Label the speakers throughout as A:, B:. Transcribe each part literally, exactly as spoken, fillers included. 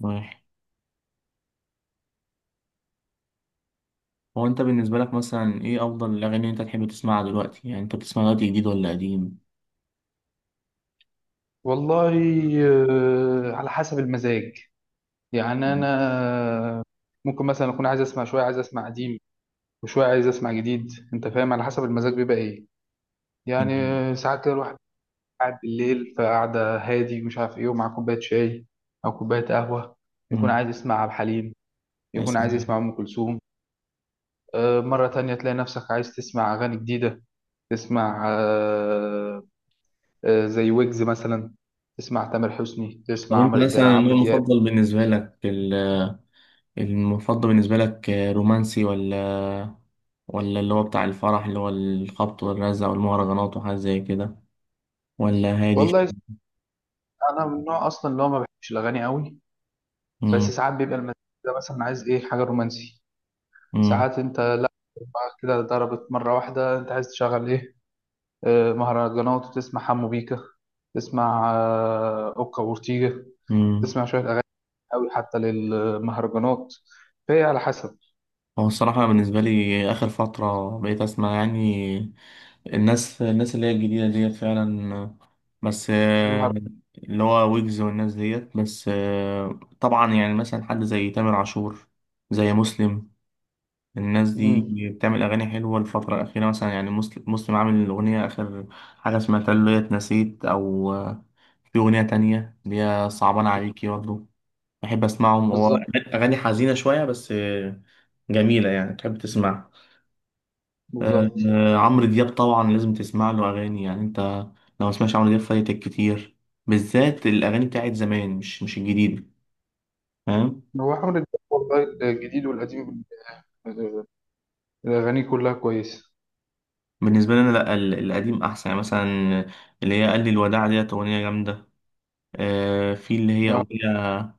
A: ماشي. هو انت بالنسبة لك مثلا ايه افضل الاغاني اللي انت تحب تسمعها دلوقتي؟ يعني انت بتسمع دلوقتي جديد ولا قديم؟
B: والله. آه، على حسب المزاج. يعني
A: مم.
B: انا ممكن مثلا اكون عايز اسمع شويه عايز اسمع قديم، وشويه عايز اسمع جديد. انت فاهم؟ على حسب المزاج بيبقى ايه يعني. ساعات كده الواحد قاعد بالليل، فقعده هادي ومش عارف ايه، ومع كوبايه شاي او كوبايه قهوه، يكون
A: مم.
B: عايز يسمع عبد الحليم.
A: يا
B: يكون عايز يسمع
A: سلام.
B: ام كلثوم. آه، مره تانية تلاقي نفسك عايز تسمع اغاني جديده. تسمع آه، آه، زي ويجز مثلا. تسمع تامر حسني.
A: طب
B: تسمع
A: انت
B: عمرو ده-
A: مثلا
B: عمرو
A: النوع
B: دياب.
A: المفضل بالنسبة لك ال- المفضل بالنسبة لك رومانسي ولا ولا اللي هو بتاع الفرح اللي هو الخبط والرزع والمهرجانات وحاجات زي كده، ولا هادي
B: والله،
A: شوية؟
B: انا من النوع اصلا اللي هو ما بحبش الاغاني قوي. بس
A: مم.
B: ساعات بيبقى المزاج ده مثلا عايز ايه حاجه رومانسي.
A: مم.
B: ساعات انت لا، بقى كده ضربت مره واحده انت عايز تشغل ايه؟ آه، مهرجانات وتسمع حمو بيكا. تسمع آه، اوكا وورتيجا.
A: مم.
B: تسمع شويه اغاني قوي حتى للمهرجانات. فهي على حسب.
A: هو الصراحة بالنسبة لي آخر فترة بقيت أسمع يعني الناس الناس اللي هي الجديدة ديت فعلا، بس آه،
B: المهر...
A: اللي هو ويجز والناس ديت. بس آه، طبعا يعني مثلا حد زي تامر عاشور، زي مسلم. الناس دي
B: مم.
A: بتعمل أغاني حلوة الفترة الأخيرة، مثلا يعني مسلم مسلم عامل أغنية آخر حاجة سمعتها اللي هي اتنسيت، أو آه، في أغنية تانية اللي هي صعبان عليكي برضه. بحب أسمعهم، هو
B: بالظبط.
A: أغاني حزينة شوية بس آه، جميلة يعني تحب تسمعها. آه،
B: بالظبط.
A: آه، عمرو دياب طبعا لازم تسمع له اغاني. يعني انت لو ما سمعتش عمرو دياب فايتك كتير، بالذات الاغاني بتاعت زمان، مش مش الجديده، فاهم.
B: هو حمو بيكا والله الجديد والقديم، آه، الاغاني كلها كويسه.
A: بالنسبه لي انا لا، ال- القديم احسن، يعني مثلا اللي هي قال لي الوداع ديت اغنيه جامده. آه، في اللي هي
B: آه،
A: اغنيه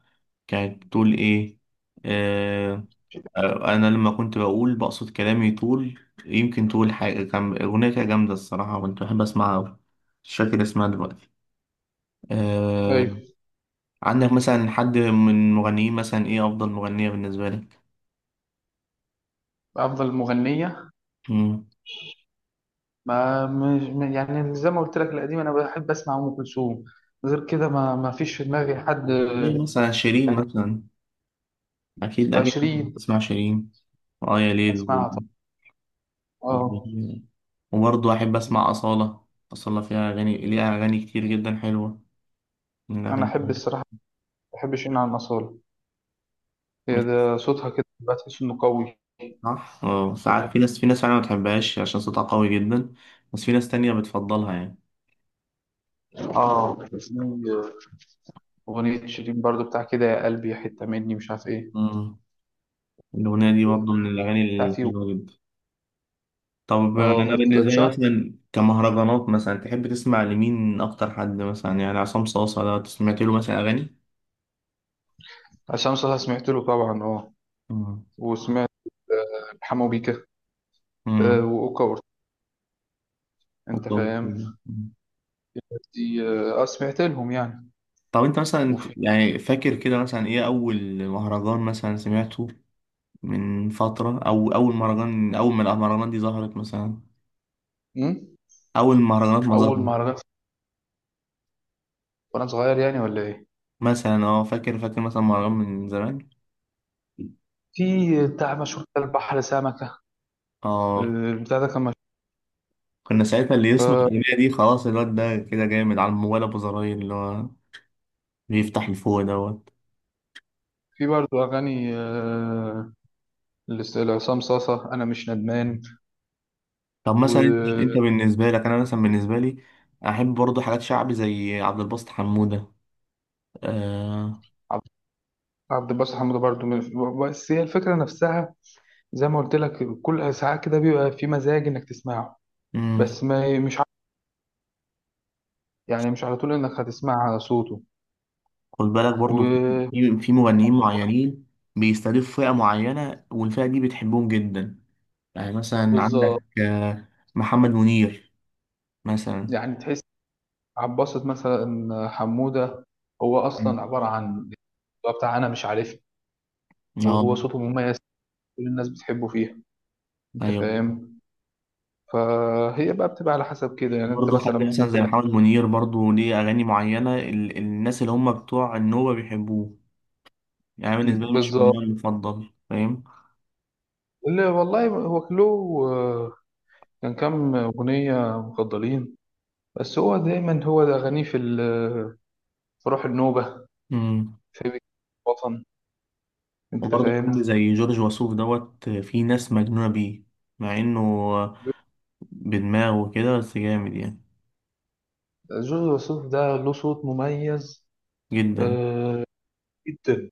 A: كانت بتقول ايه، آه، آه، انا لما كنت بقول بقصد كلامي طول، يمكن تقول حاجه. كان اغنيه كده جامده الصراحه، كنت بحب اسمعها أوي. مش فاكر اسمها دلوقتي. آه،
B: ايوه.
A: عندك مثلا حد من مغنيين مثلا، ايه افضل مغنية بالنسبة لك؟
B: افضل مغنيه
A: مم.
B: ما مش، يعني زي ما قلت لك القديم انا بحب اسمع ام كلثوم. غير كده ما ما فيش في دماغي حد
A: مين
B: آه،
A: مثلا؟ شيرين
B: يعني.
A: مثلا؟ اكيد اكيد
B: عشرين.
A: بتسمع شيرين وآية ليل و-
B: اسمعها طبعا.
A: و-
B: اه.
A: وبرضه احب اسمع أصالة. أصالة فيها اغاني، ليها اغاني كتير جدا حلوة من
B: انا
A: الاغاني.
B: احب الصراحه، ما بحبش ان على الاصاله. هي
A: مش-
B: ده صوتها كده بتحس انه قوي.
A: صح. اه ساعات في ناس في ناس فعلا ما بتحبهاش عشان صوتها قوي جدا، بس في ناس تانية بتفضلها يعني.
B: اه، في اغنيه شيرين برضو بتاع كده، يا قلبي حته مني، مش عارف ايه،
A: مم. الأغنية دي برضه من الأغاني
B: بتاع فيه.
A: الحلوة جدا. طب
B: اه،
A: انا بالنسبه لي
B: اتشهر
A: مثلا كمهرجانات، مثلا تحب تسمع لمين اكتر؟ حد مثلا يعني عصام صاصا، ده سمعت له مثلا اغاني.
B: عشان صوتها، سمعت له طبعا. اه.
A: مم.
B: وسمعت آه، حمو بيكا، آه،
A: مم.
B: واوكا وأورتega، انت
A: طب
B: فاهم. دي اه آه، سمعت لهم يعني.
A: طب انت مثلا
B: وفي.
A: يعني فاكر كده مثلا ايه اول مهرجان مثلا سمعته من فتره؟ او اول مهرجان، اول ما المهرجانات دي ظهرت مثلا،
B: مم؟
A: اول مهرجانات ما ظهرت.
B: اول مهرجان وانا صغير يعني ولا ايه؟
A: مثلا اه، فاكر فاكر مثلا مهرجان من زمان؟
B: في بتاع مشهور كده، البحر سمكه.
A: اه،
B: البتاع ده كان مشهور.
A: كنا ساعتها اللي يسمع
B: ف-
A: الأغنية دي خلاص الواد ده كده جامد. على الموبايل أبو زراير اللي هو بيفتح لفوق دوت.
B: في برضه اغاني، آه، لس- لعصام صاصه، انا مش ندمان.
A: طب مثلا انت انت
B: وعبد
A: بالنسبه لك، انا مثلا بالنسبه لي احب برضو حاجات شعبي زي عبد الباسط حموده. آه،
B: عبد الباسط حموده برضه من- بس هي الفكره نفسها، زي ما قلت لك كل ساعات كده بيبقى في مزاج انك تسمعه.
A: امم.
B: بس ما مش ع- يعني مش على طول انك هتسمع صوته.
A: خد بالك برضو،
B: و،
A: في في مغنيين معينين بيستهدفوا فئه معينه، والفئه دي بتحبهم جدا. يعني مثلا
B: بالظبط.
A: عندك آه محمد منير مثلا.
B: يعني تحس عباسة مثلا، حمودة هو
A: مم.
B: أصلا عبارة عن، هو بتاع أنا مش عارف.
A: اه
B: وهو صوته مميز، كل الناس بتحبه فيها. أنت
A: ايوه.
B: فاهم. فهي بقى بتبقى على حسب كده، يعني أنت
A: برضه
B: مثلا
A: حد مثلا
B: ممكن
A: زي
B: تلاقي.
A: محمد منير برضه ليه اغاني معينه، ال- الناس اللي هم بتوع النوبه بيحبوه. يعني بالنسبه لي مش من
B: بالظبط.
A: النوع المفضل، فاهم.
B: اللي والله هو كلو، آه، كان كام أغنية مفضلين، بس هو دايما هو ده أغانيه، في ال- في روح النوبة،
A: امم.
B: في الوطن. أنت
A: وبرضه
B: فاهم.
A: حد زي جورج وسوف دوت، في ناس مجنونة بيه مع انه بدماغه كده بس جامد يعني
B: جورج وسوف ده له صوت مميز،
A: جدا.
B: آه، جدا.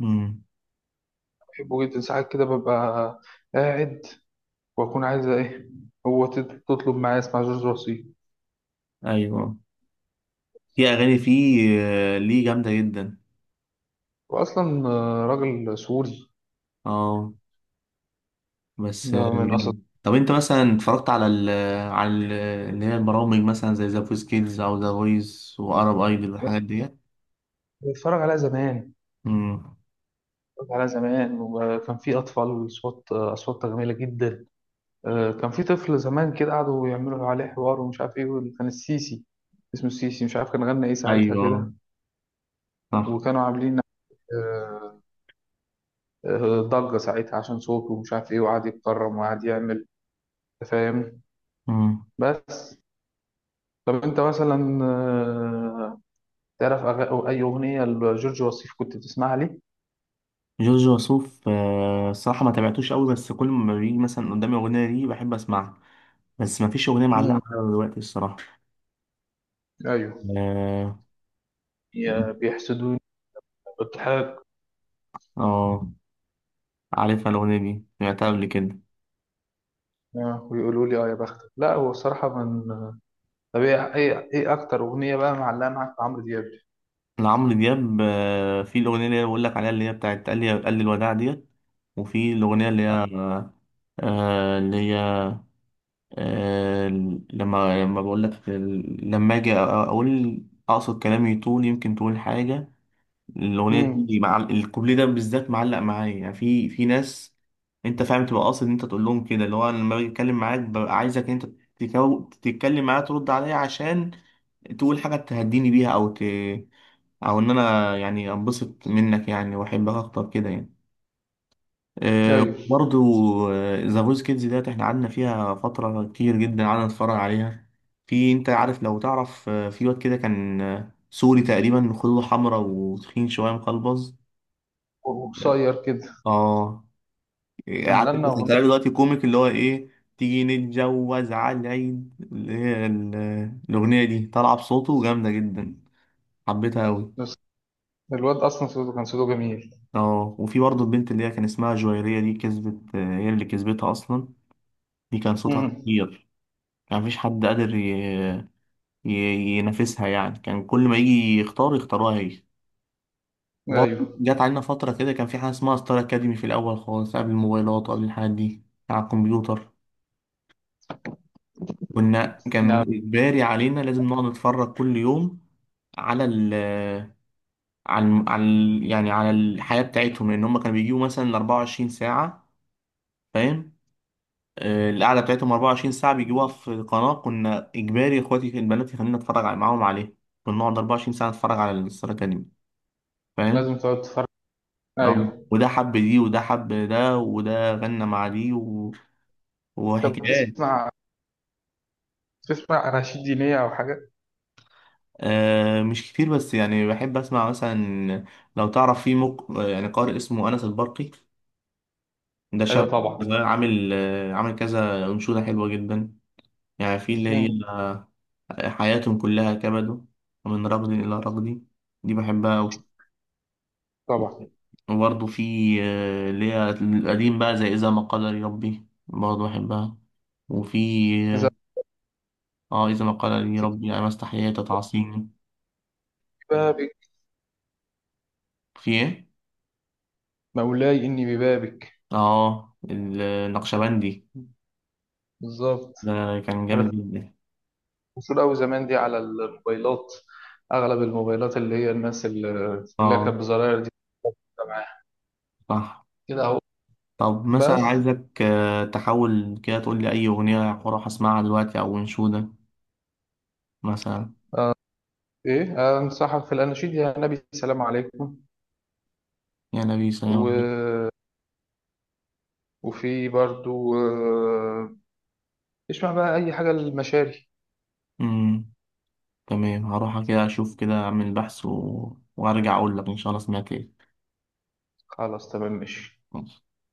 A: امم
B: بحبه جدا، ساعات كده ببقى قاعد واكون عايز ايه. هو تط- تطلب معايا اسمع جورج وسوف.
A: ايوه. في اغاني فيه آه، ليه جامدة جدا.
B: واصلا آه، راجل سوري،
A: اه بس آه،
B: ده من اسد.
A: جامد. طب انت مثلا اتفرجت على ال على ال اللي هي البرامج مثلا زي ذا فويس كيدز او ذا فويس وارب ايدل والحاجات ديت؟
B: بتفرج عليها زمان.
A: امم،
B: بتفرج عليها زمان، وكان في اطفال اصوات اصوات جميله جدا. آه، كان في طفل زمان كده قعدوا يعملوا عليه حوار ومش عارف ايه، وال- كان السيسي اسمه السيسي، مش عارف كان غنى ايه ساعتها
A: ايوه،
B: كده.
A: صح.
B: وكانوا عاملين آه، آه، ضجه ساعتها عشان صوته ومش عارف ايه، وقعد يتكرم وقعد يعمل. أنت فاهم.
A: مم.
B: بس طب انت مثلا آه، تعرف أغ- أو اي اغنيه لجورج وسوف كنت بتسمعها ليه؟
A: جورج وسوف آه، الصراحة ما تابعتوش قوي، بس كل ما بيجي مثلا قدامي أغنية ليه بحب أسمعها، بس ما فيش أغنية
B: امم.
A: معلقة معايا دلوقتي الصراحة.
B: ايوه.
A: آه
B: يا بيحسدوني، بالضحك.
A: آه، عارفها الأغنية دي، سمعتها قبل كده.
B: آه، ويقولوا لي اه يا بختك. لا، هو الصراحه من. طب ايه ايه إيه اكتر اغنيه بقى معلقه معاك في عمرو دياب.
A: لعمرو دياب آه، في الأغنية اللي هي بقول لك عليها اللي هي بتاعت قال لي، قال لي الوداع ديت، وفي الأغنية اللي هي آه اللي هي آه لما لما بقول لك لما أجي أقول أقصد كلامي طول، يمكن تقول حاجة. الاغنيه
B: امم.
A: دي مع الكوبليه ده بالذات معلق معايا يعني. في في ناس، انت فاهم، تبقى قاصد ان انت تقول لهم كده اللي هو أنا لما باجي اتكلم معاك ببقى عايزك ان انت تكو... تتكلم معايا ترد عليا عشان تقول حاجه تهديني بيها، او ت... او ان انا يعني انبسط منك يعني واحبك اكتر كده يعني. أه
B: ايوه.
A: برضو. ذا فويس كيدز ديت احنا قعدنا فيها فتره كتير جدا قعدنا نتفرج عليها. في انت عارف، لو تعرف، آه، في واد كده كان آه، سوري تقريبا، خدوده حمرا وتخين شويه مقلبز.
B: وقصير كده.
A: اه إيه،
B: كان
A: عارف
B: غنى
A: كنت بتعمل
B: اغنيه.
A: دلوقتي كوميك اللي هو ايه، تيجي نتجوز على العيد اللي هي ال- الأغنية دي طالعة بصوته جامدة جدا، حبيتها أوي.
B: بس الواد اصلا، صوته كان صوته جميل.
A: اه، وفي برضه البنت اللي هي كان اسمها جويرية دي كسبت، هي اللي كسبتها أصلا. دي كان صوتها
B: امم.
A: خطير. كان مفيش حد قادر ي- ي- ينافسها يعني، كان كل ما يجي يختار يختاروها هي. وبرضه
B: ايوه.
A: جت علينا فترة كده كان في حاجة اسمها ستار أكاديمي في الأول خالص، قبل الموبايلات وقبل الحاجات دي، على الكمبيوتر. كنا، كان
B: يعني
A: إجباري علينا لازم نقعد نتفرج كل يوم على ال على الم- على ال- يعني على الحياة بتاعتهم، لأن هم كانوا بيجيبوا مثلا اربع وعشرين ساعة، فاهم. آه، القعدة بتاعتهم اربع وعشرين ساعة بيجيبوها في القناة، كنا إجباري إخواتي البنات يخلينا نتفرج على- معاهم عليه، كنا نقعد اربع وعشرين ساعة نتفرج على الستار أكاديمي، فاهم.
B: لازم تقعد تتفرج.
A: نعم.
B: ايوه.
A: وده حب دي، وده حب ده، وده غنى مع دي و...
B: انت
A: وحكايات.
B: بتسمع، بتسمع اناشيد دينيه او حاجه.
A: آه مش كتير، بس يعني بحب اسمع مثلا، لو تعرف في مق... يعني قارئ اسمه انس البرقي، ده
B: ايوه
A: شاب
B: طبعا.
A: صغير عامل آه عامل كذا انشوده حلوه جدا. يعني في اللي هي
B: امم.
A: حياتهم كلها كبد، ومن رغد الى رغد، دي بحبها أوي.
B: طبعا.
A: وبرضه في آه اللي هي القديم بقى زي اذا ما قدر ربي، برضه بحبها. وفي اه آه، اذا ما قدر ربي يعني ما استحييت تعصيني.
B: بابك.
A: في ايه؟
B: مولاي إني ببابك.
A: اه النقشبندي
B: بالظبط.
A: ده كان جامد
B: كانت
A: جدا.
B: مشهورة أوي زمان دي على الموبايلات. أغلب الموبايلات اللي هي الناس اللي اللي هي
A: اه،
B: كانت بزراير دي بتبقى معاها
A: صح.
B: كده أهو.
A: طب مثلا
B: بس
A: عايزك آه، تحاول كده تقول لي اي اغنيه هروح اسمعها دلوقتي او انشوده مثلا.
B: إيه، أنصحك في الأناشيد يا نبي السلام عليكم.
A: يا نبي
B: و...
A: سلام عليكم.
B: وفي برضو آه، اسمع بقى أي حاجة للمشاري.
A: امم، تمام، هروح كده اشوف كده اعمل بحث و... وارجع اقول لك ان شاء الله سمعت.
B: خلاص تمام ماشي.
A: ايه؟